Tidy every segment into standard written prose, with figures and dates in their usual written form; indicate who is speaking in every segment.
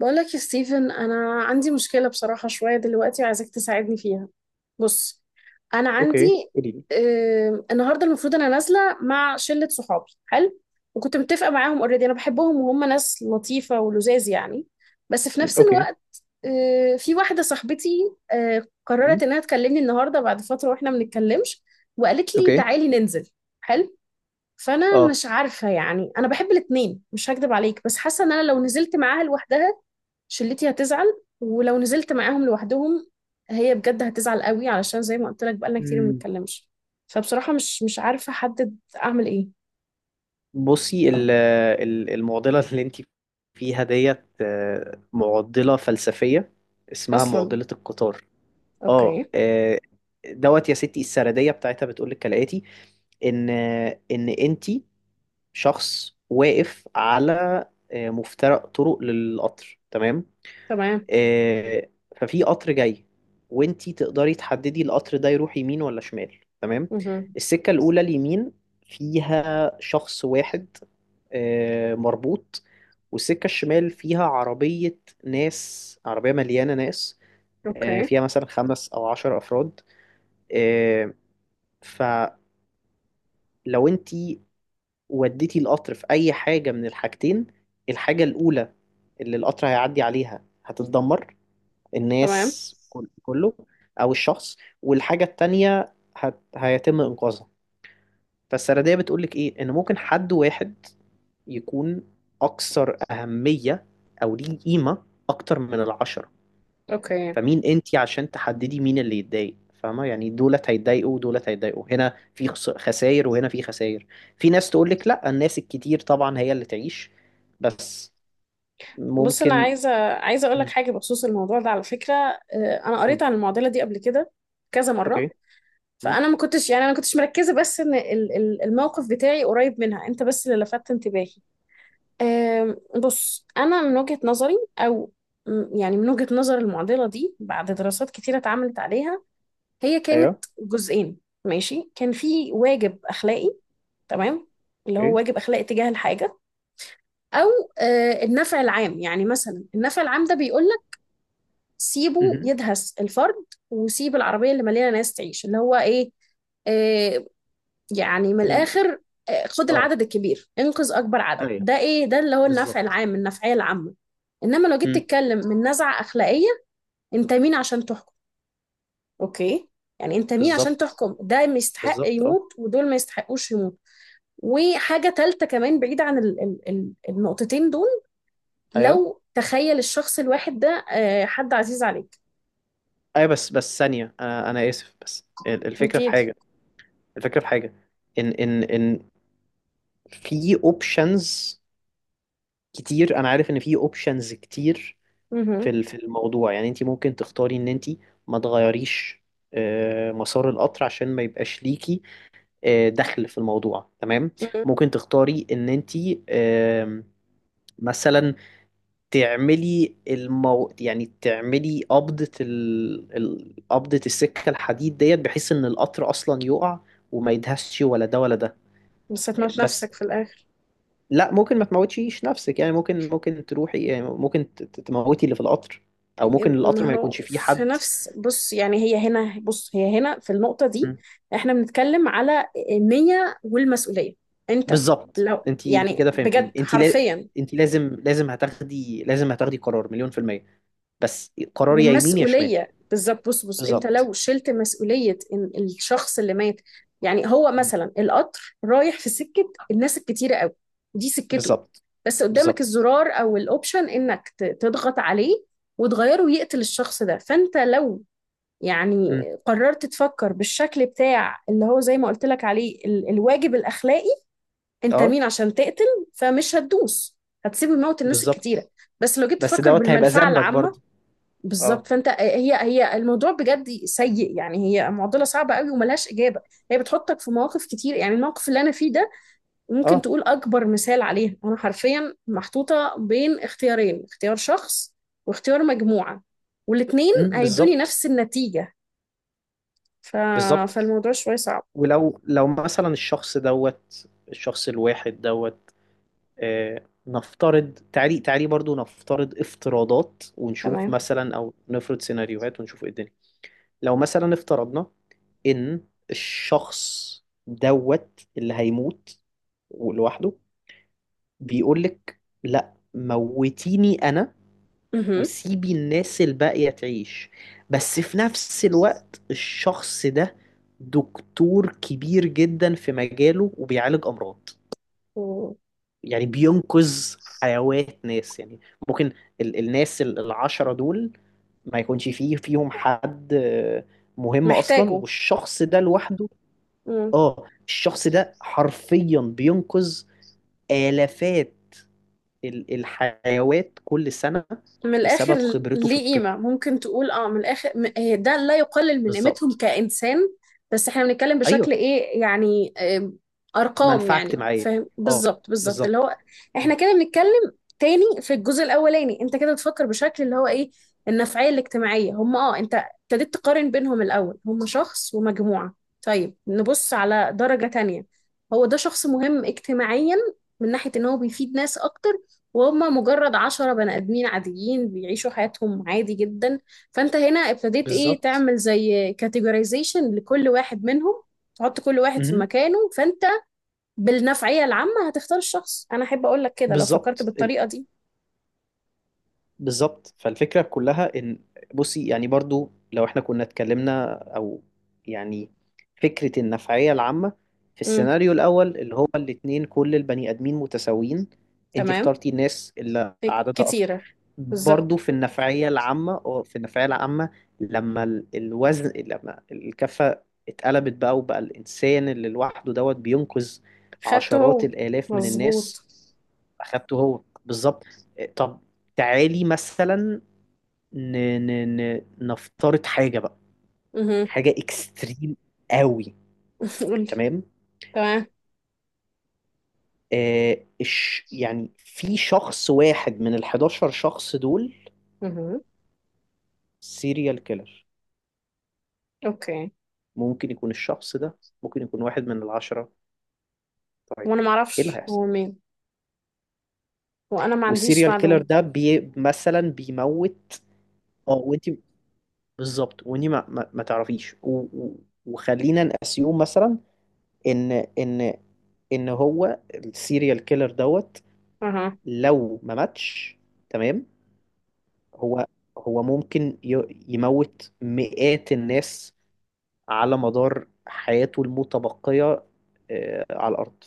Speaker 1: بقولك يا ستيفن، انا عندي مشكله بصراحه شويه دلوقتي وعايزاك تساعدني فيها. بص، انا
Speaker 2: اوكي،
Speaker 1: عندي
Speaker 2: قولي لي.
Speaker 1: النهارده المفروض انا نازله مع شله صحابي حلو، وكنت متفقه معاهم. اوريدي انا بحبهم وهم ناس لطيفه ولذاذ يعني. بس في نفس
Speaker 2: اوكي.
Speaker 1: الوقت، في واحده صاحبتي قررت
Speaker 2: مم.
Speaker 1: انها تكلمني النهارده بعد فتره واحنا ما بنتكلمش، وقالت لي
Speaker 2: اوكي.
Speaker 1: تعالي ننزل. حلو. فانا
Speaker 2: اه
Speaker 1: مش عارفه، يعني انا بحب الاتنين مش هكدب عليك، بس حاسه ان انا لو نزلت معاها لوحدها، شلتي هتزعل. ولو نزلت معاهم لوحدهم، هي بجد هتزعل قوي، علشان زي ما قلت لك بقالنا كتير ما
Speaker 2: مم.
Speaker 1: بنتكلمش. فبصراحة مش عارفة احدد اعمل ايه.
Speaker 2: بصي، المعضله اللي انت فيها ديت معضله فلسفيه اسمها
Speaker 1: اصلا
Speaker 2: معضله القطار. اه
Speaker 1: اوكي.
Speaker 2: آه، دوت يا ستي، السرديه بتاعتها بتقول لك كالاتي: ان انت شخص واقف على مفترق طرق للقطر، تمام.
Speaker 1: تمام.
Speaker 2: آه، ففي قطر جاي، وانتي تقدري تحددي القطر ده يروح يمين ولا شمال، تمام.
Speaker 1: مهم.
Speaker 2: السكة الأولى، اليمين، فيها شخص واحد مربوط، والسكة الشمال فيها عربية، ناس، عربية مليانة ناس،
Speaker 1: اوكي.
Speaker 2: فيها مثلا خمس أو عشر أفراد. آه، فلو انتي وديتي القطر في أي حاجة من الحاجتين، الحاجة الأولى اللي القطر هيعدي عليها هتتدمر،
Speaker 1: تمام.
Speaker 2: الناس كله، او الشخص. والحاجه التانيه هيتم انقاذها. فالسرديه بتقول لك ايه؟ ان ممكن حد واحد يكون اكثر اهميه او ليه قيمه اكتر من العشره.
Speaker 1: اوكي.
Speaker 2: فمين انتي عشان تحددي مين اللي يتضايق؟ فاهمه؟ يعني دولت هيتضايقوا ودولت هيتضايقوا، هنا في خساير وهنا في خساير. في ناس تقول لك لا، الناس الكتير طبعا هي اللي تعيش، بس
Speaker 1: بص، انا
Speaker 2: ممكن...
Speaker 1: عايزة اقول لك
Speaker 2: مم.
Speaker 1: حاجة بخصوص الموضوع ده على فكرة. انا قريت
Speaker 2: قولي.
Speaker 1: عن المعضلة دي قبل كده كذا
Speaker 2: اوكي.
Speaker 1: مرة.
Speaker 2: مم.
Speaker 1: فانا ما كنتش، يعني انا ما كنتش مركزة، بس ان الموقف بتاعي قريب منها، انت بس اللي لفتت انتباهي. بص، أنا من وجهة نظري، أو يعني من وجهة نظر المعضلة دي بعد دراسات كتيرة اتعملت عليها، هي
Speaker 2: ايوه.
Speaker 1: كانت جزئين. ماشي، كان في واجب أخلاقي. تمام. اللي هو
Speaker 2: ايه.
Speaker 1: واجب أخلاقي تجاه الحاجة، أو النفع العام. يعني مثلا النفع العام ده بيقول لك سيبه
Speaker 2: مهم.
Speaker 1: يدهس الفرد، وسيب العربية اللي مليانة ناس تعيش. اللي هو إيه، آه، يعني من الآخر، خد
Speaker 2: اه.
Speaker 1: العدد الكبير، انقذ أكبر عدد.
Speaker 2: ايوه،
Speaker 1: ده إيه؟ ده اللي هو النفع
Speaker 2: بالظبط.
Speaker 1: العام، النفعية العامة. إنما لو جيت
Speaker 2: امم
Speaker 1: تتكلم من نزعة أخلاقية، أنت مين عشان تحكم؟ أوكي. يعني أنت مين عشان
Speaker 2: بالظبط.
Speaker 1: تحكم ده ما يستحق
Speaker 2: بالظبط. اه.
Speaker 1: يموت ودول ما يستحقوش يموت؟ وحاجة تالتة كمان بعيدة عن النقطتين دول،
Speaker 2: ايوه.
Speaker 1: لو تخيل الشخص الواحد ده حد عزيز عليك.
Speaker 2: ايوه، بس ثانيه، انا اسف، بس الفكره في
Speaker 1: أكيد.
Speaker 2: حاجه. الفكره في حاجه ان في اوبشنز كتير. انا عارف ان في اوبشنز كتير
Speaker 1: مهم.
Speaker 2: في الموضوع. يعني انت ممكن تختاري ان انت ما تغيريش مسار القطر عشان ما يبقاش ليكي دخل في الموضوع، تمام.
Speaker 1: مهم.
Speaker 2: ممكن تختاري ان انت مثلا تعملي يعني تعملي قبضة قبضة السكة الحديد ديت بحيث ان القطر اصلا يقع، وما يدهسش ولا ده ولا ده.
Speaker 1: بس هتموت
Speaker 2: بس
Speaker 1: نفسك في الآخر.
Speaker 2: لا، ممكن ما تموتيش نفسك. يعني ممكن تروحي، يعني ممكن تموتي اللي في القطر، او ممكن
Speaker 1: ما
Speaker 2: القطر ما يكونش
Speaker 1: هو
Speaker 2: فيه
Speaker 1: في
Speaker 2: حد.
Speaker 1: نفس، بص يعني هي هنا، بص هي هنا في النقطة
Speaker 2: م.
Speaker 1: دي. احنا بنتكلم على النية والمسؤولية. انت
Speaker 2: بالظبط،
Speaker 1: لو
Speaker 2: انت
Speaker 1: يعني
Speaker 2: كده
Speaker 1: بجد
Speaker 2: فهمتيني. انت لا...
Speaker 1: حرفيا،
Speaker 2: انت لازم هتاخدي قرار مليون في المية، بس قرار يا يمين يا شمال.
Speaker 1: ومسؤولية. بالظبط. بص بص، انت
Speaker 2: بالظبط.
Speaker 1: لو شلت مسؤولية ان الشخص اللي مات، يعني هو
Speaker 2: م.
Speaker 1: مثلا القطر رايح في سكة الناس الكتيرة قوي، دي سكته،
Speaker 2: بالظبط.
Speaker 1: بس قدامك
Speaker 2: بالظبط.
Speaker 1: الزرار او الاوبشن انك تضغط عليه وتغيره يقتل الشخص ده، فانت لو يعني
Speaker 2: م.
Speaker 1: قررت تفكر بالشكل بتاع اللي هو زي ما قلت لك عليه ال الواجب الأخلاقي، أنت
Speaker 2: اه.
Speaker 1: مين عشان تقتل؟ فمش هتدوس، هتسيب الموت الناس
Speaker 2: بالظبط،
Speaker 1: الكتيرة. بس لو جيت
Speaker 2: بس
Speaker 1: تفكر
Speaker 2: دوت هيبقى
Speaker 1: بالمنفعة
Speaker 2: ذنبك
Speaker 1: العامة،
Speaker 2: برضه.
Speaker 1: بالظبط.
Speaker 2: اه.
Speaker 1: فأنت هي الموضوع بجد سيء يعني، هي معضلة صعبة قوي وملهاش إجابة. هي بتحطك في مواقف كتير. يعني الموقف اللي أنا فيه ده ممكن
Speaker 2: اه.
Speaker 1: تقول أكبر مثال عليها. أنا حرفيا محطوطة بين اختيارين: اختيار شخص واختيار مجموعة، والاتنين هيدوني
Speaker 2: بالظبط.
Speaker 1: نفس النتيجة. ف...
Speaker 2: بالظبط.
Speaker 1: فالموضوع شوية صعب.
Speaker 2: ولو مثلا الشخص دوت، الشخص الواحد دوت، نفترض. تعالي تعالي برضو، نفترض افتراضات ونشوف،
Speaker 1: تمام.
Speaker 2: مثلا، او نفرض سيناريوهات ونشوف ايه الدنيا. لو مثلا افترضنا ان الشخص دوت اللي هيموت لوحده بيقول لك: لا، موتيني انا
Speaker 1: مهم.
Speaker 2: وسيبي الناس الباقية تعيش. بس في نفس الوقت الشخص ده دكتور كبير جدا في مجاله وبيعالج أمراض. يعني بينقذ حيوات ناس. يعني ممكن الناس العشرة دول ما يكونش فيهم حد مهم أصلا،
Speaker 1: ومحتاجه.
Speaker 2: والشخص ده لوحده.
Speaker 1: مم.
Speaker 2: اه، الشخص ده حرفيا بينقذ آلافات الحيوات كل سنة
Speaker 1: من الاخر.
Speaker 2: بسبب خبرته في
Speaker 1: ليه
Speaker 2: الطب.
Speaker 1: قيمه، ممكن تقول اه من الاخر، هي ده لا يقلل من قيمتهم
Speaker 2: بالظبط.
Speaker 1: كانسان، بس احنا بنتكلم بشكل
Speaker 2: ايوه.
Speaker 1: ايه، يعني ارقام
Speaker 2: منفعه
Speaker 1: يعني،
Speaker 2: اجتماعيه.
Speaker 1: فاهم؟
Speaker 2: اه.
Speaker 1: بالظبط
Speaker 2: بالظبط.
Speaker 1: اللي هو احنا كده بنتكلم. تاني، في الجزء الاولاني انت كده بتفكر بشكل اللي هو ايه، النفعيه الاجتماعيه. هم اه انت ابتديت تقارن بينهم. الاول هم شخص ومجموعه. طيب نبص على درجه تانية، هو ده شخص مهم اجتماعيا من ناحيه ان هو بيفيد ناس اكتر، وهم مجرد عشرة بني آدمين عاديين بيعيشوا حياتهم عادي جدا. فأنت هنا ابتديت إيه
Speaker 2: بالظبط.
Speaker 1: تعمل زي كاتيجورايزيشن لكل واحد منهم، تحط كل واحد في
Speaker 2: مهم.
Speaker 1: مكانه. فأنت بالنفعية العامة هتختار الشخص. أنا أحب أقول لك كده لو فكرت
Speaker 2: بالظبط.
Speaker 1: بالطريقة دي.
Speaker 2: فالفكرة كلها إن... بصي، يعني برضو لو إحنا كنا اتكلمنا، أو يعني فكرة النفعية العامة في
Speaker 1: امم.
Speaker 2: السيناريو الأول، اللي هو الاتنين كل البني آدمين متساويين، أنت
Speaker 1: تمام.
Speaker 2: اخترتي الناس اللي
Speaker 1: إيه،
Speaker 2: عددها
Speaker 1: كتيرة.
Speaker 2: أكتر. برضو
Speaker 1: بالظبط.
Speaker 2: في النفعية العامة، لما ال- الوزن لما الكفة اتقلبت بقى وبقى الإنسان اللي لوحده دوت بينقذ
Speaker 1: خدته
Speaker 2: عشرات
Speaker 1: هو.
Speaker 2: الآلاف من
Speaker 1: مظبوط.
Speaker 2: الناس. اخدته هو، بالظبط. طب تعالي مثلا، ن... نفترض حاجه بقى،
Speaker 1: اها.
Speaker 2: حاجه اكستريم قوي.
Speaker 1: قولي.
Speaker 2: تمام.
Speaker 1: تمام.
Speaker 2: يعني في شخص واحد من ال 11 شخص دول
Speaker 1: اها.
Speaker 2: سيريال كيلر.
Speaker 1: أوكي.
Speaker 2: ممكن يكون الشخص ده. ممكن يكون واحد من العشرة، طيب.
Speaker 1: وأنا
Speaker 2: ايه اللي
Speaker 1: معرفش
Speaker 2: هيحصل؟
Speaker 1: هو مين. وأنا ما عنديش
Speaker 2: والسيريال كيلر
Speaker 1: معلومة.
Speaker 2: ده مثلا بيموت. اه، وانت بالظبط. وانت ما تعرفيش. وخلينا نأسيوم مثلا ان هو السيريال كيلر دوت،
Speaker 1: اها.
Speaker 2: لو ما ماتش، تمام. هو هو ممكن يموت مئات الناس على مدار حياته المتبقية على الأرض.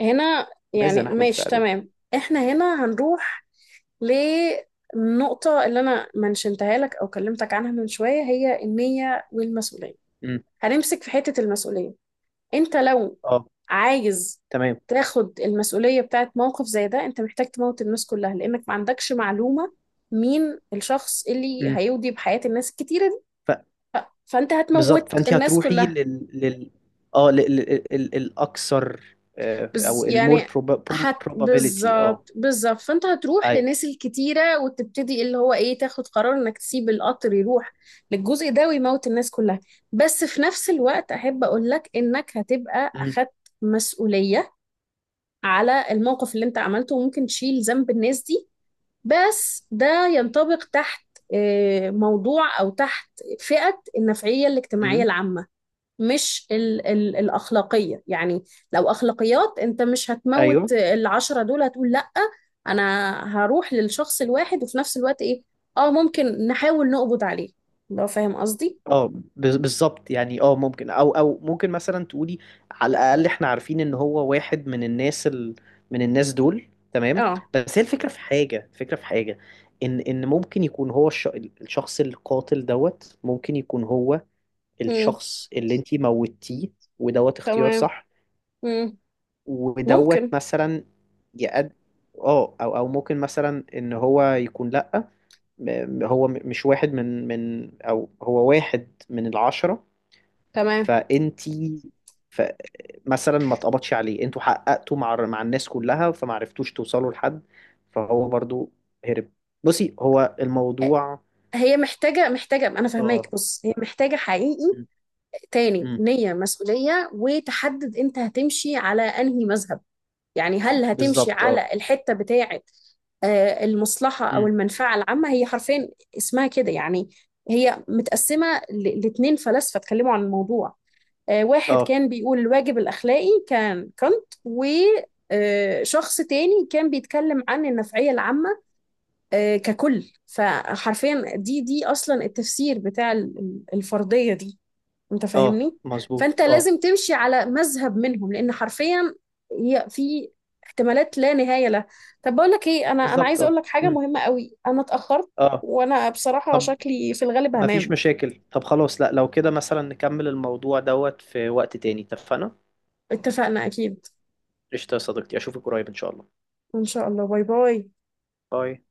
Speaker 1: هنا
Speaker 2: فماذا
Speaker 1: يعني
Speaker 2: نحن
Speaker 1: ماشي
Speaker 2: بفعله؟
Speaker 1: تمام، احنا هنا هنروح للنقطة اللي انا منشنتها لك او كلمتك عنها من شوية، هي النية والمسؤولية.
Speaker 2: مم.
Speaker 1: هنمسك في حتة المسؤولية. انت لو
Speaker 2: اه.
Speaker 1: عايز
Speaker 2: تمام.
Speaker 1: تاخد المسؤولية بتاعت موقف زي ده، انت محتاج تموت الناس كلها لانك ما عندكش معلومة مين الشخص اللي
Speaker 2: مم.
Speaker 1: هيودي بحياة الناس الكتيرة دي.
Speaker 2: ف
Speaker 1: فانت
Speaker 2: بالظبط،
Speaker 1: هتموت
Speaker 2: فأنت
Speaker 1: الناس
Speaker 2: هتروحي
Speaker 1: كلها.
Speaker 2: لل الأكثر،
Speaker 1: بز
Speaker 2: أو المور
Speaker 1: يعني هت،
Speaker 2: probability. اه.
Speaker 1: بالظبط بالظبط. فانت هتروح
Speaker 2: أيوه.
Speaker 1: للناس الكتيرة وتبتدي اللي هو ايه تاخد قرار انك تسيب القطر يروح للجزء ده ويموت الناس كلها. بس في نفس الوقت احب اقول لك انك هتبقى
Speaker 2: مم.
Speaker 1: اخدت مسؤولية على الموقف اللي انت عملته وممكن تشيل ذنب الناس دي. بس ده ينطبق تحت موضوع او تحت فئة النفعية الاجتماعية
Speaker 2: مم.
Speaker 1: العامة، مش ال ال الأخلاقية. يعني لو أخلاقيات، أنت مش هتموت
Speaker 2: أيوه.
Speaker 1: العشرة دول، هتقول لأ أنا هروح للشخص الواحد، وفي نفس الوقت إيه، آه ممكن نحاول نقبض عليه، لو فاهم قصدي.
Speaker 2: بالظبط. يعني ممكن، او ممكن مثلا تقولي: على الاقل احنا عارفين ان هو واحد من الناس من الناس دول، تمام.
Speaker 1: آه.
Speaker 2: بس هي الفكره في حاجه. الفكره في حاجه ان ممكن يكون هو الشخص القاتل دوت. ممكن يكون هو
Speaker 1: مم.
Speaker 2: الشخص اللي انتي موتيه. ودوت اختيار
Speaker 1: تمام.
Speaker 2: صح.
Speaker 1: مم.
Speaker 2: ودوت
Speaker 1: ممكن.
Speaker 2: مثلا يقد اه او ممكن مثلا ان هو يكون لا، مش واحد من او هو واحد من العشرة.
Speaker 1: تمام.
Speaker 2: فانتي ف... مثلا ما اتقبضش عليه. انتوا حققتوا مع الناس كلها فما عرفتوش توصلوا لحد، فهو برضو هرب. بصي هو الموضوع.
Speaker 1: هي محتاجة، محتاجة، أنا فاهماك.
Speaker 2: اه.
Speaker 1: بص هي محتاجة حقيقي
Speaker 2: م-
Speaker 1: تاني
Speaker 2: م.
Speaker 1: نية، مسؤولية، وتحدد أنت هتمشي على أنهي مذهب. يعني هل هتمشي
Speaker 2: بالظبط. اه.
Speaker 1: على الحتة بتاعة المصلحة أو
Speaker 2: م.
Speaker 1: المنفعة العامة، هي حرفيا اسمها كده يعني. هي متقسمة لاتنين فلاسفة اتكلموا عن الموضوع. واحد
Speaker 2: اه.
Speaker 1: كان بيقول الواجب الأخلاقي كان كانت، وشخص تاني كان بيتكلم عن النفعية العامة ككل. فحرفيا دي أصلا التفسير بتاع الفرضية دي، انت
Speaker 2: اه،
Speaker 1: فاهمني. فانت
Speaker 2: مظبوط. اه.
Speaker 1: لازم تمشي على مذهب منهم، لان حرفيا هي في احتمالات لا نهايه لها. طب بقول لك ايه، انا
Speaker 2: بالظبط.
Speaker 1: عايزه
Speaker 2: اه.
Speaker 1: اقول لك حاجه
Speaker 2: م.
Speaker 1: مهمه قوي، انا اتاخرت
Speaker 2: اه.
Speaker 1: وانا بصراحه
Speaker 2: طب
Speaker 1: شكلي في الغالب
Speaker 2: ما فيش
Speaker 1: هنام.
Speaker 2: مشاكل. طب خلاص. لا، لو كده مثلا نكمل الموضوع دوت في وقت تاني، اتفقنا؟
Speaker 1: اتفقنا. اكيد
Speaker 2: قشطة يا صديقتي. اشوفك قريب ان شاء الله.
Speaker 1: ان شاء الله. باي باي.
Speaker 2: باي.